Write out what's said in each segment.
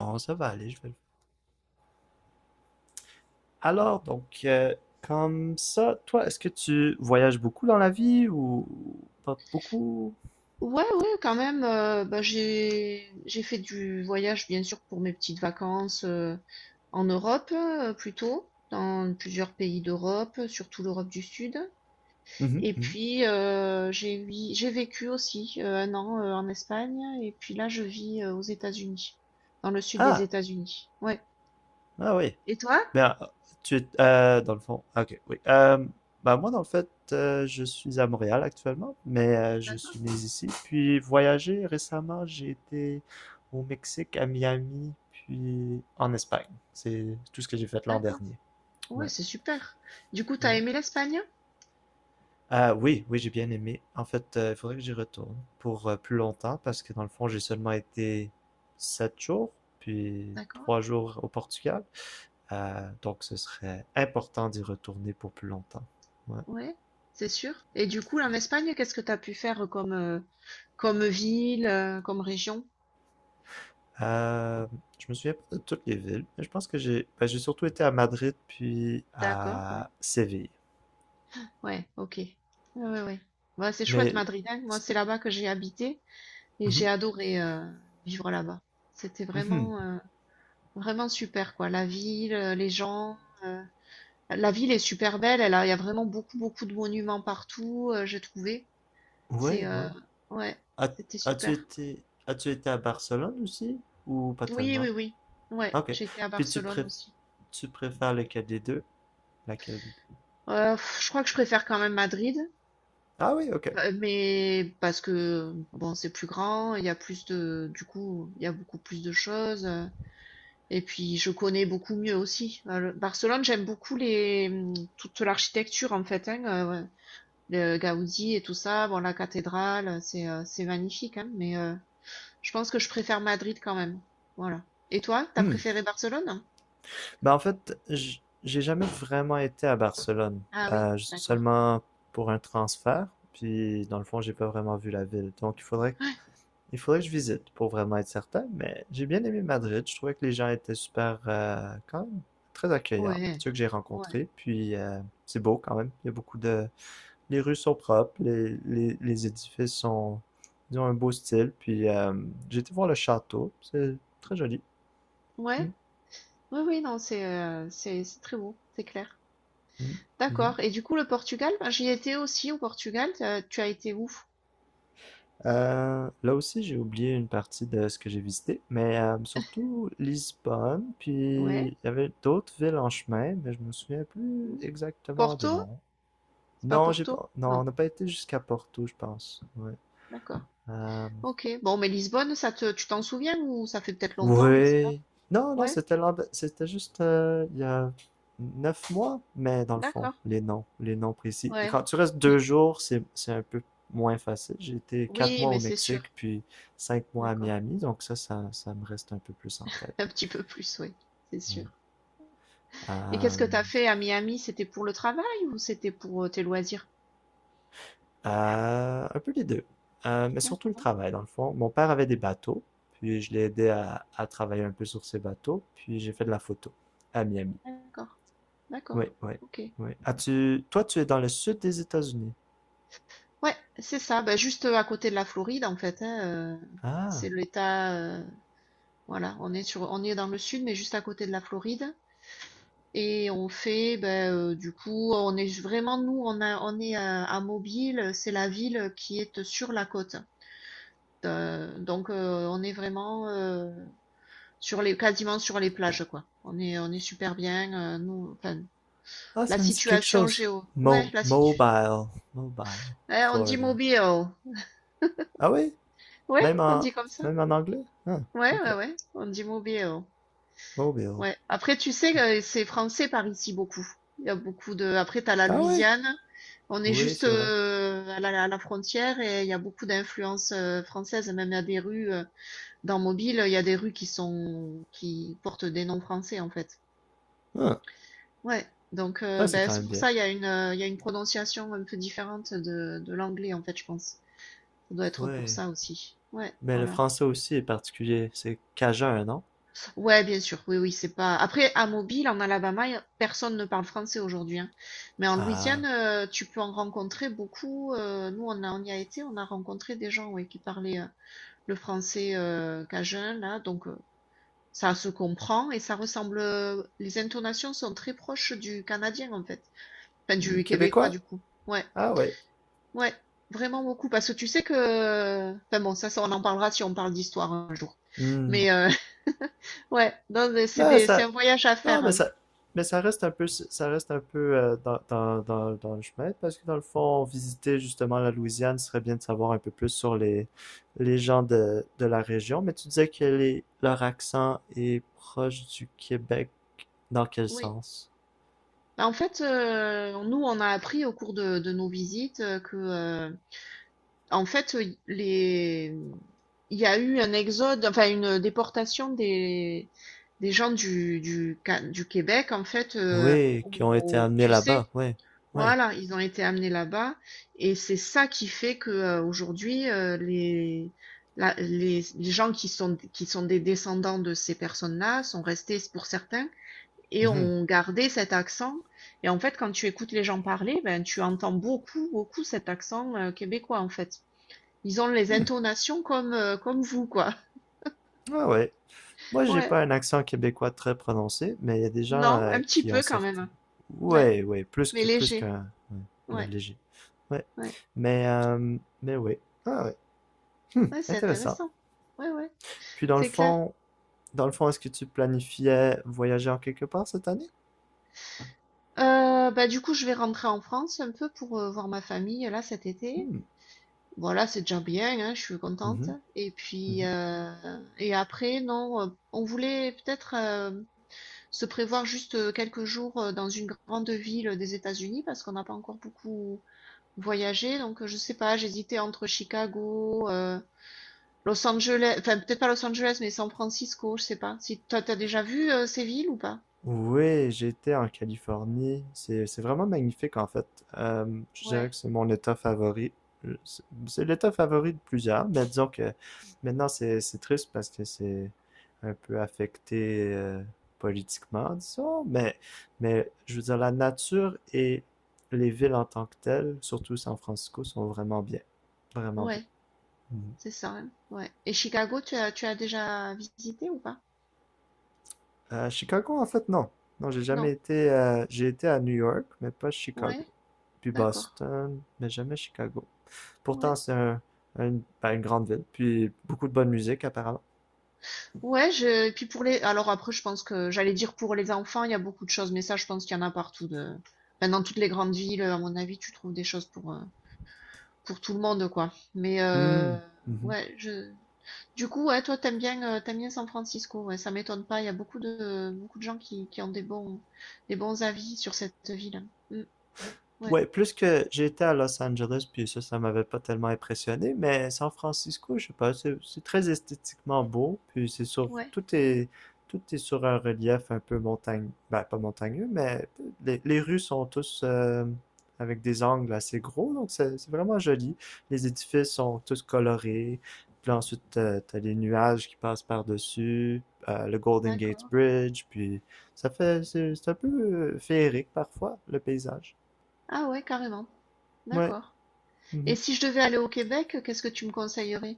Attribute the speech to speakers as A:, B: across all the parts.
A: Bon ça va aller, je vais le faire. Alors, donc, comme ça, toi, est-ce que tu voyages beaucoup dans la vie ou pas beaucoup?
B: Ouais, ouais, quand même. Bah, j'ai fait du voyage, bien sûr, pour mes petites vacances en Europe, plutôt, dans plusieurs pays d'Europe, surtout l'Europe du Sud.
A: Mhm,
B: Et
A: mhm.
B: puis j'ai vécu aussi un an en Espagne. Et puis là, je vis aux États-Unis, dans le sud des
A: Ah,
B: États-Unis. Ouais.
A: ah oui.
B: Et toi?
A: Ben, tu es, dans le fond, ah, ok, oui. Ben moi, dans le fait, je suis à Montréal actuellement, mais je
B: D'accord,
A: suis né ici. Puis voyager récemment, j'ai été au Mexique, à Miami, puis en Espagne. C'est tout ce que j'ai fait l'an
B: d'accord.
A: dernier.
B: Ouais,
A: Ouais,
B: c'est super. Du coup, t'as
A: ouais.
B: aimé l'Espagne?
A: Ah oui, oui, j'ai bien aimé. En fait, il faudrait que j'y retourne pour plus longtemps parce que dans le fond, j'ai seulement été 7 jours, puis
B: D'accord.
A: 3 jours au Portugal. Donc, ce serait important d'y retourner pour plus longtemps. Ouais.
B: Ouais, c'est sûr. Et du coup, en Espagne, qu'est-ce que t'as pu faire comme comme ville, comme région?
A: Euh, je me souviens pas de toutes les villes, mais je pense que j'ai ben, j'ai surtout été à Madrid puis
B: D'accord, ouais.
A: à Séville.
B: Ouais, OK. Ouais, ouais, ouais. Bah, c'est chouette
A: Mais
B: Madrid, hein. Moi, c'est là-bas que j'ai habité et
A: mhm,
B: j'ai adoré, vivre là-bas. C'était
A: mhm,
B: vraiment, vraiment super quoi. La ville, les gens, heu, la ville est super belle, elle a il y a vraiment beaucoup, beaucoup de monuments partout, j'ai trouvé. C'est,
A: ouais, ouais.
B: ouais,
A: As,
B: c'était super.
A: as-tu été à Barcelone aussi ou pas
B: Oui, oui,
A: tellement?
B: oui. Ouais,
A: Ok.
B: j'ai été à
A: Puis tu
B: Barcelone
A: préf-
B: aussi.
A: tu préfères lequel des deux? Laquelle des deux?
B: Je crois que je préfère quand même Madrid.
A: Ah oui, ok.
B: Mais parce que bon, c'est plus grand, il y a plus de du coup, il y a beaucoup plus de choses, et puis je connais beaucoup mieux aussi. Le Barcelone, j'aime beaucoup les, toute l'architecture en fait, hein, heu, le Gaudi et tout ça. Bon, la cathédrale, c'est magnifique, hein, je pense que je préfère Madrid quand même. Voilà. Et toi, t'as
A: Hmm.
B: préféré Barcelone?
A: Ben, en fait, j'ai jamais vraiment été à Barcelone.
B: Ah oui, d'accord.
A: Seulement pour un transfert. Puis, dans le fond, j'ai pas vraiment vu la ville. Donc, il faudrait,
B: Ouais.
A: il faudrait que je visite pour vraiment être certain. Mais j'ai bien aimé Madrid. Je trouvais que les gens étaient super, quand même, très accueillants,
B: Ouais.
A: ceux que j'ai
B: Ouais.
A: rencontrés. Puis, c'est beau quand même. Il y a beaucoup de, Les rues sont propres, les édifices sont, ils ont un beau style. Puis, j'ai été voir le château. C'est très joli. Mm,
B: Ouais. Oui, oui, non, c'est très beau, c'est clair.
A: mm, mhm.
B: D'accord et du coup, le Portugal, ben, j'y étais aussi au Portugal, tu as été où?
A: Là aussi, j'ai oublié une partie de ce que j'ai visité, mais surtout Lisbonne, puis
B: Ouais.
A: il y avait d'autres villes en chemin, mais je me souviens plus
B: Mmh.
A: exactement des
B: Porto?
A: noms.
B: C'est pas
A: Non, j'ai
B: Porto?
A: pas, non, on
B: Non.
A: n'a pas été jusqu'à Porto, je pense. Ouais.
B: D'accord.
A: Euh,
B: OK. Bon, mais Lisbonne, ça te tu t'en souviens ou ça fait peut-être longtemps, je sais pas.
A: Oui. Non, non,
B: Ouais?
A: c'était juste il y a 9 mois, mais dans le fond,
B: D'accord.
A: les noms précis. Et
B: Ouais.
A: quand tu restes 2 jours, c'est un peu moins facile. J'ai été quatre
B: Oui,
A: mois au
B: mais c'est
A: Mexique,
B: sûr.
A: puis 5 mois à
B: D'accord.
A: Miami, donc ça me reste un peu plus en tête.
B: Un petit peu plus, oui. C'est sûr.
A: Oui.
B: Et qu'est-ce
A: Euh,
B: que t'as fait à Miami? C'était pour le travail ou c'était pour tes loisirs?
A: un peu les deux. Mais surtout le
B: D'accord.
A: travail, dans le fond. Mon père avait des bateaux, puis je l'ai aidé à travailler un peu sur ses bateaux, puis j'ai fait de la photo à Miami.
B: D'accord.
A: Oui,
B: D'accord.
A: oui,
B: OK.
A: oui. Toi, tu es dans le sud des États-Unis.
B: Ouais, c'est ça. Ben, juste à côté de la Floride, en fait, hein,
A: Ah,
B: c'est l'État, voilà, on est dans le sud, mais juste à côté de la Floride. Et on fait, ben, du coup, on est vraiment nous, on est à Mobile, c'est la ville qui est sur la côte. Donc, on est vraiment, sur les quasiment sur les plages, quoi. On est super bien, nous enfin,
A: ah,
B: la
A: ça me dit quelque
B: situation
A: chose.
B: géo ouais,
A: Mo-
B: la situ
A: mobile, mobile,
B: eh, on dit
A: Florida.
B: Mobile.
A: Ah oui?
B: Ouais,
A: Même
B: on
A: en,
B: dit comme ça.
A: anglais? Ah,
B: Ouais,
A: ok.
B: ouais, ouais, on dit Mobile.
A: Mobile.
B: Ouais. Après, tu sais, c'est français par ici beaucoup. Il y a beaucoup de. Après, t'as la
A: Ah oui?
B: Louisiane. On est
A: Oui,
B: juste
A: c'est vrai.
B: à la frontière et il y a beaucoup d'influences françaises. Même il y a des rues dans Mobile, il y a des rues qui portent des noms français en fait.
A: Ah,
B: Ouais. Donc
A: ouais, c'est
B: ben,
A: quand
B: c'est
A: même
B: pour
A: bien.
B: ça il y a une prononciation un peu différente de l'anglais en fait, je pense. Ça doit être pour
A: Oui.
B: ça aussi. Ouais.
A: Mais le
B: Voilà.
A: français aussi est particulier. C'est cajun, non?
B: Ouais, bien sûr. Oui, oui, c'est pas. Après, à Mobile, en Alabama, personne ne parle français aujourd'hui, hein. Mais en Louisiane,
A: Ah.
B: tu peux en rencontrer beaucoup. Nous, on y a été, on a rencontré des gens, ouais, qui parlaient le français cajun, là. Donc, ça se comprend et ça ressemble. Les intonations sont très proches du canadien, en fait. Enfin, du québécois,
A: Québécois?
B: du coup. Ouais,
A: Ah oui.
B: ouais, vraiment beaucoup. Parce que tu sais que. Enfin bon, on en parlera si on parle d'histoire un jour.
A: Hmm.
B: Mais euh, ouais, non, mais
A: Mais
B: c'est
A: ça.
B: un voyage à
A: Non,
B: faire,
A: mais
B: hein.
A: ça. Mais ça reste un peu dans le chemin, parce que dans le fond, visiter justement la Louisiane, ce serait bien de savoir un peu plus sur les gens de la région. Mais tu disais que les, leur accent est proche du Québec. Dans quel
B: Oui.
A: sens?
B: Bah, en fait, nous, on a appris au cours de nos visites en fait, il y a eu un exode, enfin une déportation des gens du Québec, en fait,
A: Oui, qui ont été amenés
B: tu sais,
A: là-bas. Oui, oui.
B: voilà, ils ont été amenés là-bas, et c'est ça qui fait que aujourd'hui, les gens qui sont des descendants de ces personnes-là sont restés, pour certains, et
A: Mhm.
B: on gardait cet accent. Et en fait, quand tu écoutes les gens parler, ben, tu entends beaucoup, beaucoup cet accent québécois, en fait. Ils ont les
A: Hmm.
B: intonations comme, comme vous, quoi.
A: Ah ouais. Moi, j'ai
B: Ouais.
A: pas un accent québécois très prononcé, mais il y a des gens
B: Non, un petit
A: qui ont
B: peu quand
A: certains.
B: même. Ouais.
A: Ouais, ouais, plus
B: Mais
A: que plus
B: léger.
A: qu'un. Ouais, ouais,
B: Ouais.
A: léger. Ouais.
B: Ouais.
A: Mais euh, mais ouais. Ah ouais. Hmm,
B: Ouais, c'est
A: intéressant.
B: intéressant. Ouais, ouais.
A: Puis dans le
B: C'est clair.
A: fond, dans le fond, est-ce que tu planifiais voyager en quelque part cette année?
B: Bah, du coup, je vais rentrer en France un peu pour voir ma famille, là, cet été.
A: Hmm.
B: Voilà, c'est déjà bien, hein, je suis contente.
A: Mhm,
B: Et puis,
A: mhm.
B: et après, non, on voulait peut-être se prévoir juste quelques jours dans une grande ville des États-Unis parce qu'on n'a pas encore beaucoup voyagé. Donc, je sais pas, j'hésitais entre Chicago, Los Angeles, enfin, peut-être pas Los Angeles, mais San Francisco, je sais pas. Si toi, t'as déjà vu ces villes ou pas?
A: Oui, j'étais en Californie. C'est vraiment magnifique en fait. Je dirais
B: Ouais,
A: que c'est mon état favori. C'est l'état favori de plusieurs, mais disons que maintenant c'est triste parce que c'est un peu affecté politiquement, disons. Mais je veux dire la nature et les villes en tant que telles, surtout San Francisco, sont vraiment bien, vraiment bien.
B: ouais, c'est ça, hein, ouais. Et Chicago, tu as déjà visité ou pas?
A: Chicago, en fait, non. Non, j'ai jamais
B: Non,
A: été. J'ai été à New York, mais pas Chicago.
B: ouais,
A: Puis
B: d'accord,
A: Boston, mais jamais Chicago. Pourtant,
B: ouais.
A: c'est ben, une grande ville, puis beaucoup de bonne musique, apparemment.
B: Ouais, je... et puis pour les... Alors après, je pense que j'allais dire pour les enfants, il y a beaucoup de choses, mais ça, je pense qu'il y en a partout. De... Enfin, dans toutes les grandes villes, à mon avis, tu trouves des choses pour tout le monde, quoi.
A: Hmm, mhm.
B: Ouais, je... Du coup, ouais, toi, t'aimes bien San Francisco, ouais, ça m'étonne pas. Il y a beaucoup de gens qui ont des bons avis sur cette ville. Mm, ouais,
A: Ouais, plus que j'étais à Los Angeles, puis ça m'avait pas tellement impressionné, mais San Francisco, je sais pas, c'est très esthétiquement beau, puis
B: ouais,
A: tout est sur un relief un peu montagne, ben pas montagneux, mais les rues sont tous avec des angles assez gros, donc c'est vraiment joli. Les édifices sont tous colorés, puis là, ensuite t'as les nuages qui passent par-dessus, le Golden Gate
B: d'accord.
A: Bridge, puis ça fait, c'est un peu féerique parfois, le paysage.
B: Ah ouais, carrément.
A: Ouais,
B: D'accord. Et
A: mhm.
B: si je devais aller au Québec, qu'est-ce que tu me conseillerais?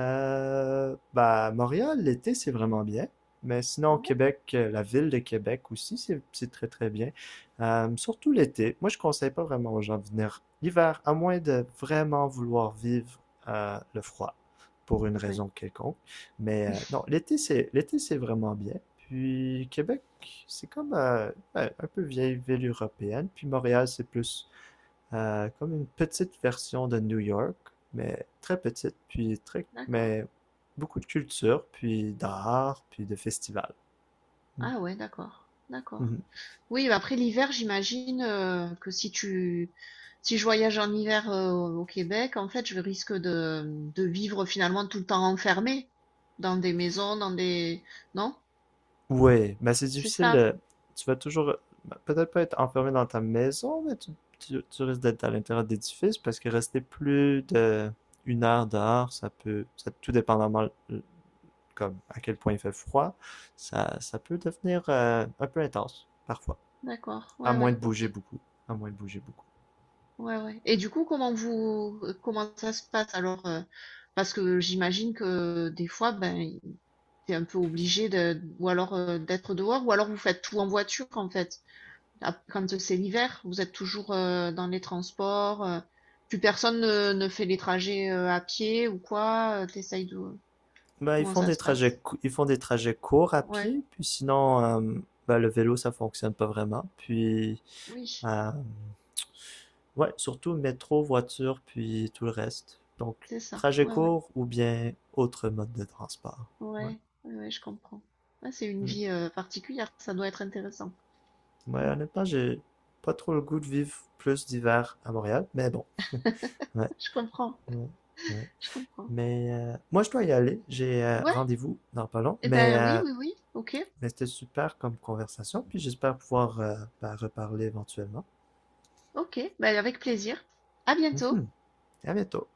A: Bah, Montréal, l'été, c'est vraiment bien. Mais sinon, au
B: Ouais,
A: Québec, la ville de Québec aussi, c'est très très bien. Surtout l'été. Moi, je conseille pas vraiment aux gens de venir l'hiver, à moins de vraiment vouloir vivre le froid pour une
B: ouais,
A: raison quelconque. Mais non, l'été, c'est vraiment bien. Puis Québec, c'est comme ouais, un peu vieille ville européenne. Puis Montréal, c'est plus comme une petite version de New York, mais très petite, puis très,
B: d'accord.
A: mais beaucoup de culture, puis d'art, puis de festivals.
B: Ah ouais, d'accord, d'accord.
A: Mhm.
B: Oui, bah, après l'hiver, j'imagine que si tu si je voyage en hiver au Québec, en fait, de vivre finalement tout le temps enfermé dans des maisons, dans des... Non?
A: Ouais, mais c'est
B: C'est
A: difficile.
B: ça?
A: de- Tu vas toujours, peut-être pas être enfermé dans ta maison, mais tu risques d'être à l'intérieur d'édifices parce que rester plus de 1 heure dehors, ça peut, ça, tout dépendamment comme à quel point il fait froid, ça peut devenir un peu intense parfois,
B: D'accord.
A: à
B: Ouais,
A: moins
B: ouais,
A: de
B: ok.
A: bouger beaucoup, à moins de bouger beaucoup.
B: Ouais, ouais. Et du coup, comment ça se passe alors? Parce que j'imagine que des fois, ben, t'es un peu obligé de ou alors d'être dehors, ou alors vous faites tout en voiture, en fait. Quand c'est l'hiver, vous êtes toujours dans les transports. Plus personne ne fait les trajets à pied ou quoi. T'essayes de...
A: Ben, ils
B: Comment
A: font
B: ça
A: des
B: se
A: trajets,
B: passe?
A: cou- ils font des trajets courts à
B: Ouais,
A: pied, puis sinon, ben, le vélo, ça fonctionne pas vraiment. Puis,
B: oui,
A: euh, ouais, surtout métro, voiture, puis tout le reste. Donc,
B: c'est ça.
A: trajet
B: Ouais, ouais,
A: court ou bien autre mode de transport. Ouais,
B: ouais, ouais, ouais, je comprends. Ouais, c'est une
A: mm.
B: vie particulière. Ça doit être intéressant.
A: Ouais,
B: Mm,
A: honnêtement, j'ai pas trop le goût de vivre plus d'hiver à Montréal, mais bon. Ouais,
B: je comprends,
A: ouais, ouais.
B: je comprends.
A: Mais moi, je dois y aller. J'ai
B: Ouais,
A: rendez-vous dans pas long.
B: eh
A: Mais
B: ben oui, oui, oui. Ok,
A: mais c'était super comme conversation, puis j'espère pouvoir ben, reparler éventuellement.
B: ok. Ben avec plaisir. À bientôt.
A: Mhm. À bientôt.